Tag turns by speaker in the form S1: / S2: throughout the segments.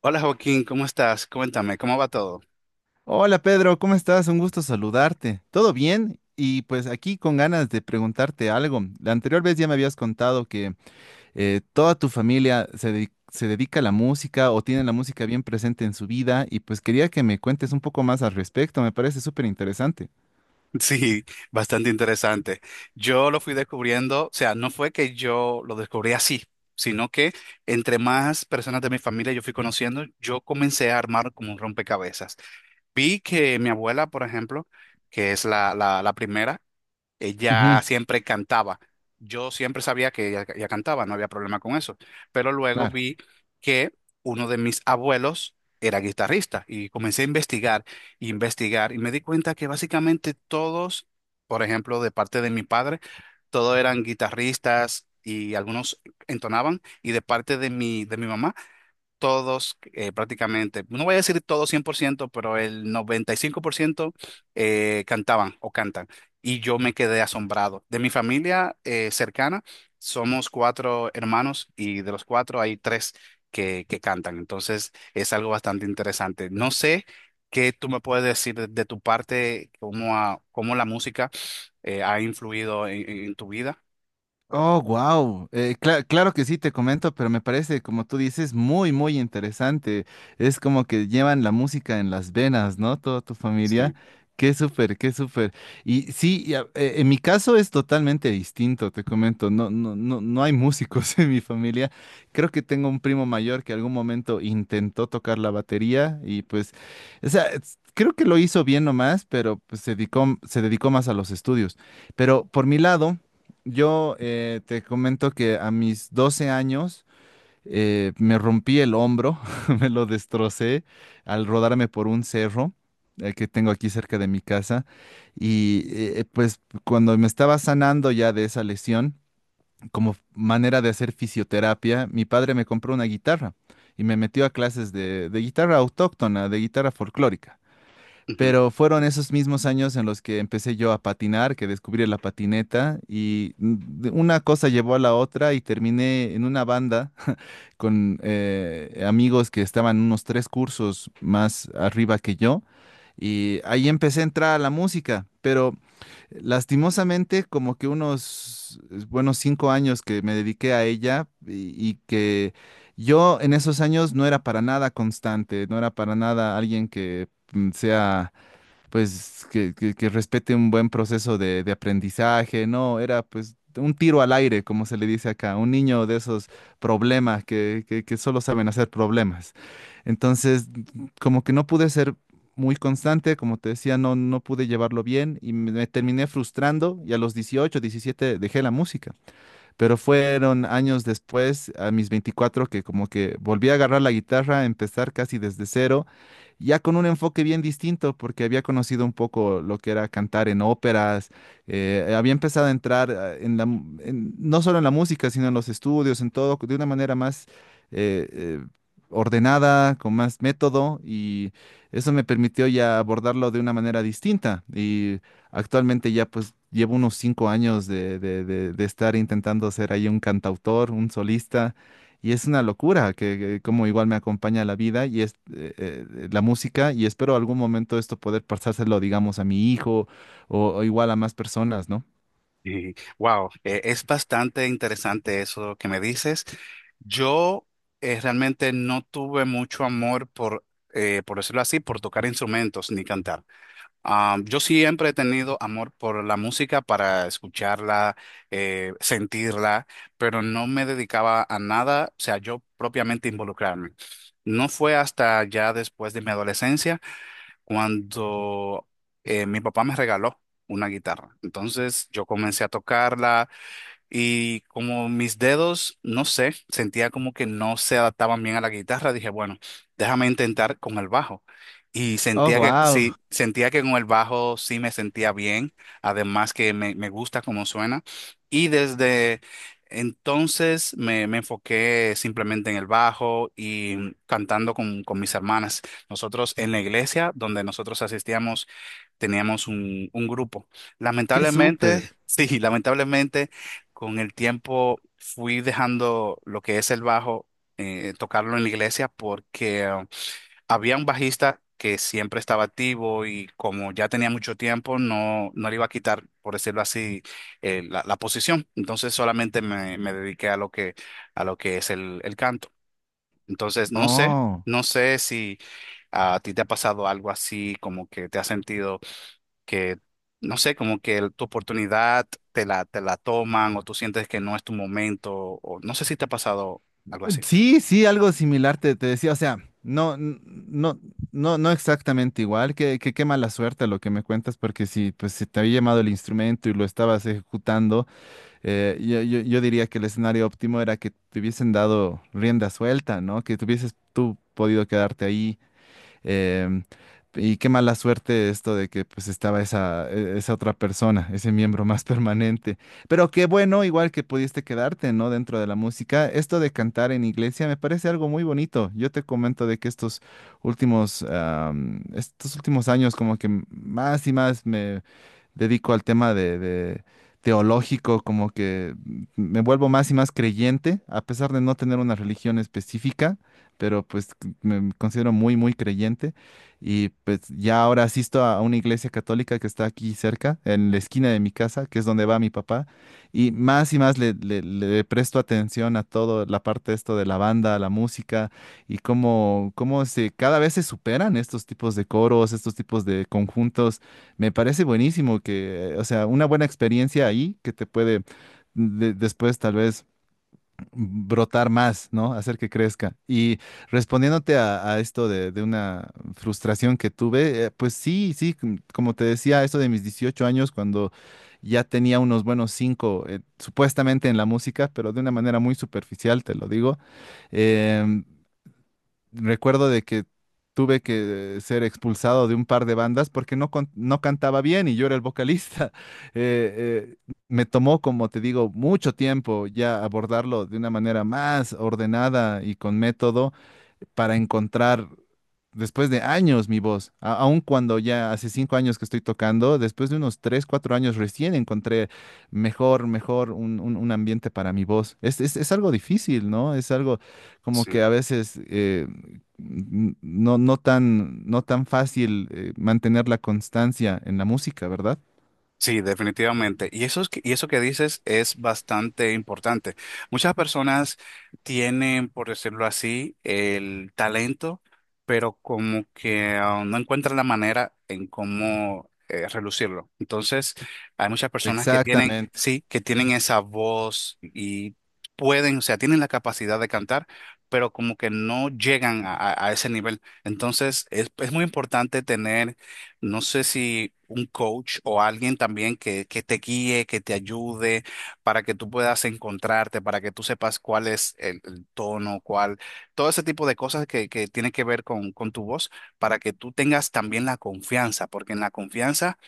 S1: Hola Joaquín, ¿cómo estás? Cuéntame, ¿cómo va todo?
S2: Hola Pedro, ¿cómo estás? Un gusto saludarte. ¿Todo bien? Y pues aquí con ganas de preguntarte algo. La anterior vez ya me habías contado que toda tu familia se, se dedica a la música o tiene la música bien presente en su vida y pues quería que me cuentes un poco más al respecto. Me parece súper interesante.
S1: Sí, bastante interesante. Yo lo fui descubriendo, o sea, no fue que yo lo descubrí así, sino que entre más personas de mi familia yo fui conociendo, yo comencé a armar como un rompecabezas. Vi que mi abuela, por ejemplo, que es la primera. Ella
S2: Ujú,
S1: siempre cantaba. Yo siempre sabía que ella cantaba, no había problema con eso. Pero luego
S2: claro.
S1: vi que uno de mis abuelos era guitarrista y comencé a investigar, investigar, y me di cuenta que básicamente todos, por ejemplo, de parte de mi padre, todos eran guitarristas y algunos entonaban, y de parte de mi mamá todos prácticamente, no voy a decir todos 100%, pero el 95% cantaban o cantan. Y yo me quedé asombrado. De mi familia cercana, somos cuatro hermanos y de los cuatro hay tres que cantan. Entonces es algo bastante interesante. No sé qué tú me puedes decir de tu parte, cómo, cómo la música ha influido en tu vida.
S2: Oh, wow. Claro que sí, te comento, pero me parece, como tú dices, muy, muy interesante. Es como que llevan la música en las venas, ¿no? Toda tu familia.
S1: Sí.
S2: Qué súper, qué súper. Y sí, en mi caso es totalmente distinto, te comento. No, no, no, no hay músicos en mi familia. Creo que tengo un primo mayor que algún momento intentó tocar la batería y pues, o sea, creo que lo hizo bien nomás, pero pues, se dedicó más a los estudios. Pero por mi lado... Yo te comento que a mis 12 años me rompí el hombro, me lo destrocé al rodarme por un cerro que tengo aquí cerca de mi casa. Y pues cuando me estaba sanando ya de esa lesión, como manera de hacer fisioterapia, mi padre me compró una guitarra y me metió a clases de guitarra autóctona, de guitarra folclórica. Pero fueron esos mismos años en los que empecé yo a patinar, que descubrí la patineta y una cosa llevó a la otra y terminé en una banda con amigos que estaban unos tres cursos más arriba que yo y ahí empecé a entrar a la música, pero lastimosamente como que unos buenos cinco años que me dediqué a ella y que yo en esos años no era para nada constante, no era para nada alguien que sea pues que respete un buen proceso de aprendizaje, no, era pues un tiro al aire, como se le dice acá, un niño de esos problemas que solo saben hacer problemas. Entonces, como que no pude ser muy constante, como te decía, no, no pude llevarlo bien y me terminé frustrando y a los 18, 17 dejé la música. Pero fueron años después, a mis 24, que como que volví a agarrar la guitarra, empezar casi desde cero, ya con un enfoque bien distinto, porque había conocido un poco lo que era cantar en óperas, había empezado a entrar en la, no solo en la música, sino en los estudios, en todo, de una manera más eh, eh, ordenada, con más método, y eso me permitió ya abordarlo de una manera distinta. Y actualmente ya pues llevo unos cinco años de, de estar intentando ser ahí un cantautor, un solista, y es una locura que como igual me acompaña la vida y es la música, y espero algún momento esto poder pasárselo, digamos, a mi hijo o igual a más personas, ¿no?
S1: Wow, es bastante interesante eso que me dices. Yo realmente no tuve mucho amor por decirlo así, por tocar instrumentos ni cantar. Ah, yo siempre he tenido amor por la música para escucharla, sentirla, pero no me dedicaba a nada, o sea, yo propiamente involucrarme. No fue hasta ya después de mi adolescencia cuando mi papá me regaló una guitarra. Entonces yo comencé a tocarla, y como mis dedos, no sé, sentía como que no se adaptaban bien a la guitarra, dije, bueno, déjame intentar con el bajo. Y
S2: Oh,
S1: sentía que
S2: wow,
S1: sí, sentía que con el bajo sí me sentía bien, además que me gusta cómo suena. Y desde entonces me enfoqué simplemente en el bajo y cantando con mis hermanas. Nosotros en la iglesia donde nosotros asistíamos, teníamos un grupo.
S2: qué
S1: Lamentablemente,
S2: súper.
S1: sí, lamentablemente, con el tiempo fui dejando lo que es el bajo, tocarlo en la iglesia porque había un bajista que siempre estaba activo, y como ya tenía mucho tiempo, no, no le iba a quitar, por decirlo así, la posición. Entonces solamente me dediqué a lo que es el canto. Entonces, no sé,
S2: Oh.
S1: no sé si a ti te ha pasado algo así, como que te has sentido que, no sé, como que tu oportunidad te la toman, o tú sientes que no es tu momento, o no sé si te ha pasado algo así.
S2: Sí, sí, algo similar te, te decía, o sea, no, no, no exactamente igual, que qué mala suerte lo que me cuentas, porque si pues si te había llamado el instrumento y lo estabas ejecutando, yo diría que el escenario óptimo era que te hubiesen dado rienda suelta, ¿no? Que tuvieses tú podido quedarte ahí. Em, y qué mala suerte esto de que pues estaba esa, esa otra persona, ese miembro más permanente. Pero qué bueno, igual que pudiste quedarte, ¿no? Dentro de la música. Esto de cantar en iglesia me parece algo muy bonito. Yo te comento de que estos últimos, estos últimos años como que más y más me dedico al tema de teológico, como que me vuelvo más y más creyente, a pesar de no tener una religión específica, pero pues me considero muy, muy creyente y pues ya ahora asisto a una iglesia católica que está aquí cerca, en la esquina de mi casa, que es donde va mi papá, y más le presto atención a todo la parte esto de la banda, la música y cómo, cómo se, cada vez se superan estos tipos de coros, estos tipos de conjuntos. Me parece buenísimo que, o sea, una buena experiencia ahí que te puede después tal vez brotar más, ¿no? Hacer que crezca. Y respondiéndote a esto de una frustración que tuve, pues sí, sí, como te decía, esto de mis 18 años, cuando ya tenía unos buenos cinco, supuestamente en la música, pero de una manera muy superficial, te lo digo, em, recuerdo de que tuve que ser expulsado de un par de bandas porque no, no cantaba bien y yo era el vocalista. Me tomó, como te digo, mucho tiempo ya abordarlo de una manera más ordenada y con método para encontrar después de años mi voz, aun cuando ya hace cinco años que estoy tocando, después de unos tres, cuatro años recién encontré mejor, mejor un, un ambiente para mi voz. Es, es algo difícil, ¿no? Es algo como que a veces no, no tan, no tan fácil mantener la constancia en la música, ¿verdad?
S1: Sí, definitivamente. Y eso, y eso que dices es bastante importante. Muchas personas tienen, por decirlo así, el talento, pero como que no encuentran la manera en cómo relucirlo. Entonces, hay muchas personas que tienen,
S2: Exactamente.
S1: sí, que tienen esa voz y pueden, o sea, tienen la capacidad de cantar, pero como que no llegan a, a ese nivel. Entonces, es muy importante tener, no sé, si un coach o alguien también que te guíe, que te ayude, para que tú puedas encontrarte, para que tú sepas cuál es el tono, cuál, todo ese tipo de cosas que tiene que ver con tu voz, para que tú tengas también la confianza, porque en la confianza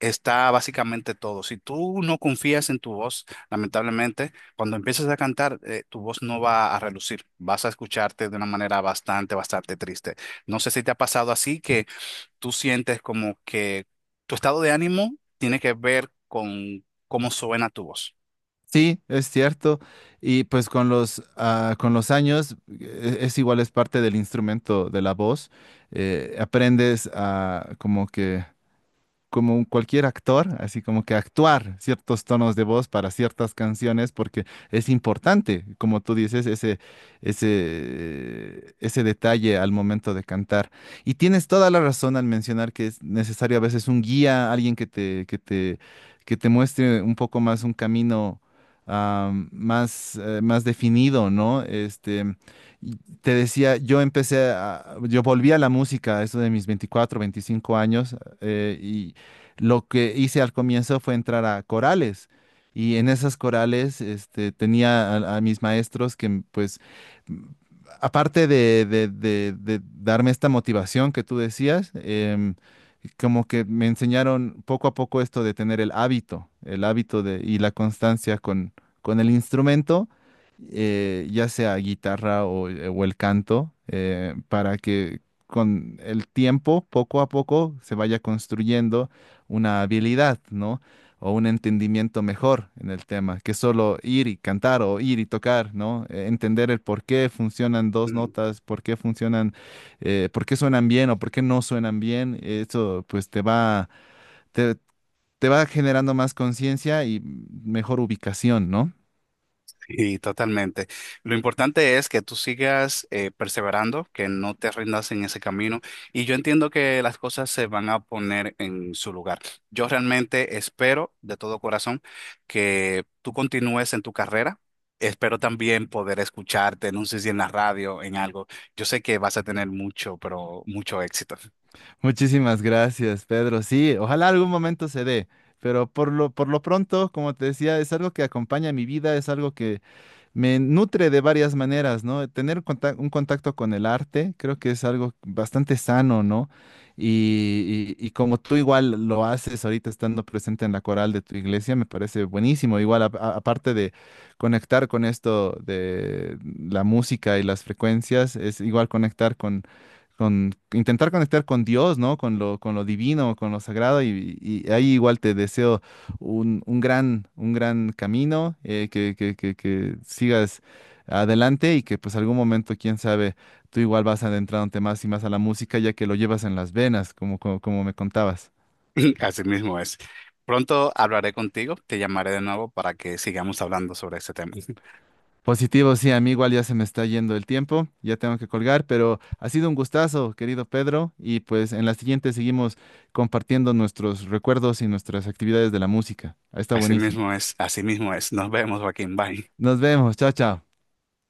S1: está básicamente todo. Si tú no confías en tu voz, lamentablemente, cuando empiezas a cantar, tu voz no va a relucir, vas a escucharte de una manera bastante, bastante triste. No sé si te ha pasado así, que tú sientes como que tu estado de ánimo tiene que ver con cómo suena tu voz.
S2: Sí, es cierto. Y pues con los, con los años es, igual, es parte del instrumento de la voz. Aprendes a como que como cualquier actor, así como que actuar ciertos tonos de voz para ciertas canciones, porque es importante, como tú dices, ese detalle al momento de cantar. Y tienes toda la razón al mencionar que es necesario a veces un guía, alguien que te muestre un poco más un camino, más definido, ¿no? Este, y te decía, yo volví a la música, a eso de mis 24 25 años, y lo que hice al comienzo fue entrar a corales y en esas corales este, tenía a mis maestros que pues m- aparte de, de darme esta motivación que tú decías, como que me enseñaron poco a poco esto de tener el hábito de, y la constancia con el instrumento, ya sea guitarra o el canto, para que con el tiempo, poco a poco, se vaya construyendo una habilidad, ¿no? O un entendimiento mejor en el tema, que solo ir y cantar o ir y tocar, ¿no? Entender el por qué funcionan dos
S1: Mm.
S2: notas, por qué funcionan, por qué suenan bien o por qué no suenan bien, eso pues te va, te, te va generando más conciencia y mejor ubicación, ¿no?
S1: Sí, totalmente. Lo importante es que tú sigas perseverando, que no te rindas en ese camino. Y yo entiendo que las cosas se van a poner en su lugar. Yo realmente espero de todo corazón que tú continúes en tu carrera. Espero también poder escucharte, no sé si en la radio, en algo. Yo sé que vas a tener mucho, pero mucho éxito.
S2: Muchísimas gracias, Pedro. Sí, ojalá algún momento se dé. Pero por lo pronto, como te decía, es algo que acompaña mi vida, es algo que me nutre de varias maneras, ¿no? Tener un contacto con el arte creo que es algo bastante sano, ¿no? Y, y como tú igual lo haces ahorita estando presente en la coral de tu iglesia, me parece buenísimo. Igual, aparte de conectar con esto de la música y las frecuencias, es igual conectar con intentar conectar con Dios, ¿no? Con lo divino, con lo sagrado, y ahí igual te deseo un gran camino, que sigas adelante y que pues algún momento, quién sabe, tú igual vas adentrándote más y más a la música ya que lo llevas en las venas, como me contabas.
S1: Así mismo es. Pronto hablaré contigo, te llamaré de nuevo para que sigamos hablando sobre este tema.
S2: Positivo, sí, a mí igual ya se me está yendo el tiempo, ya tengo que colgar, pero ha sido un gustazo, querido Pedro, y pues en la siguiente seguimos compartiendo nuestros recuerdos y nuestras actividades de la música. Está
S1: Así
S2: buenísimo.
S1: mismo es, así mismo es. Nos vemos, Joaquín. Bye.
S2: Nos vemos, chao, chao.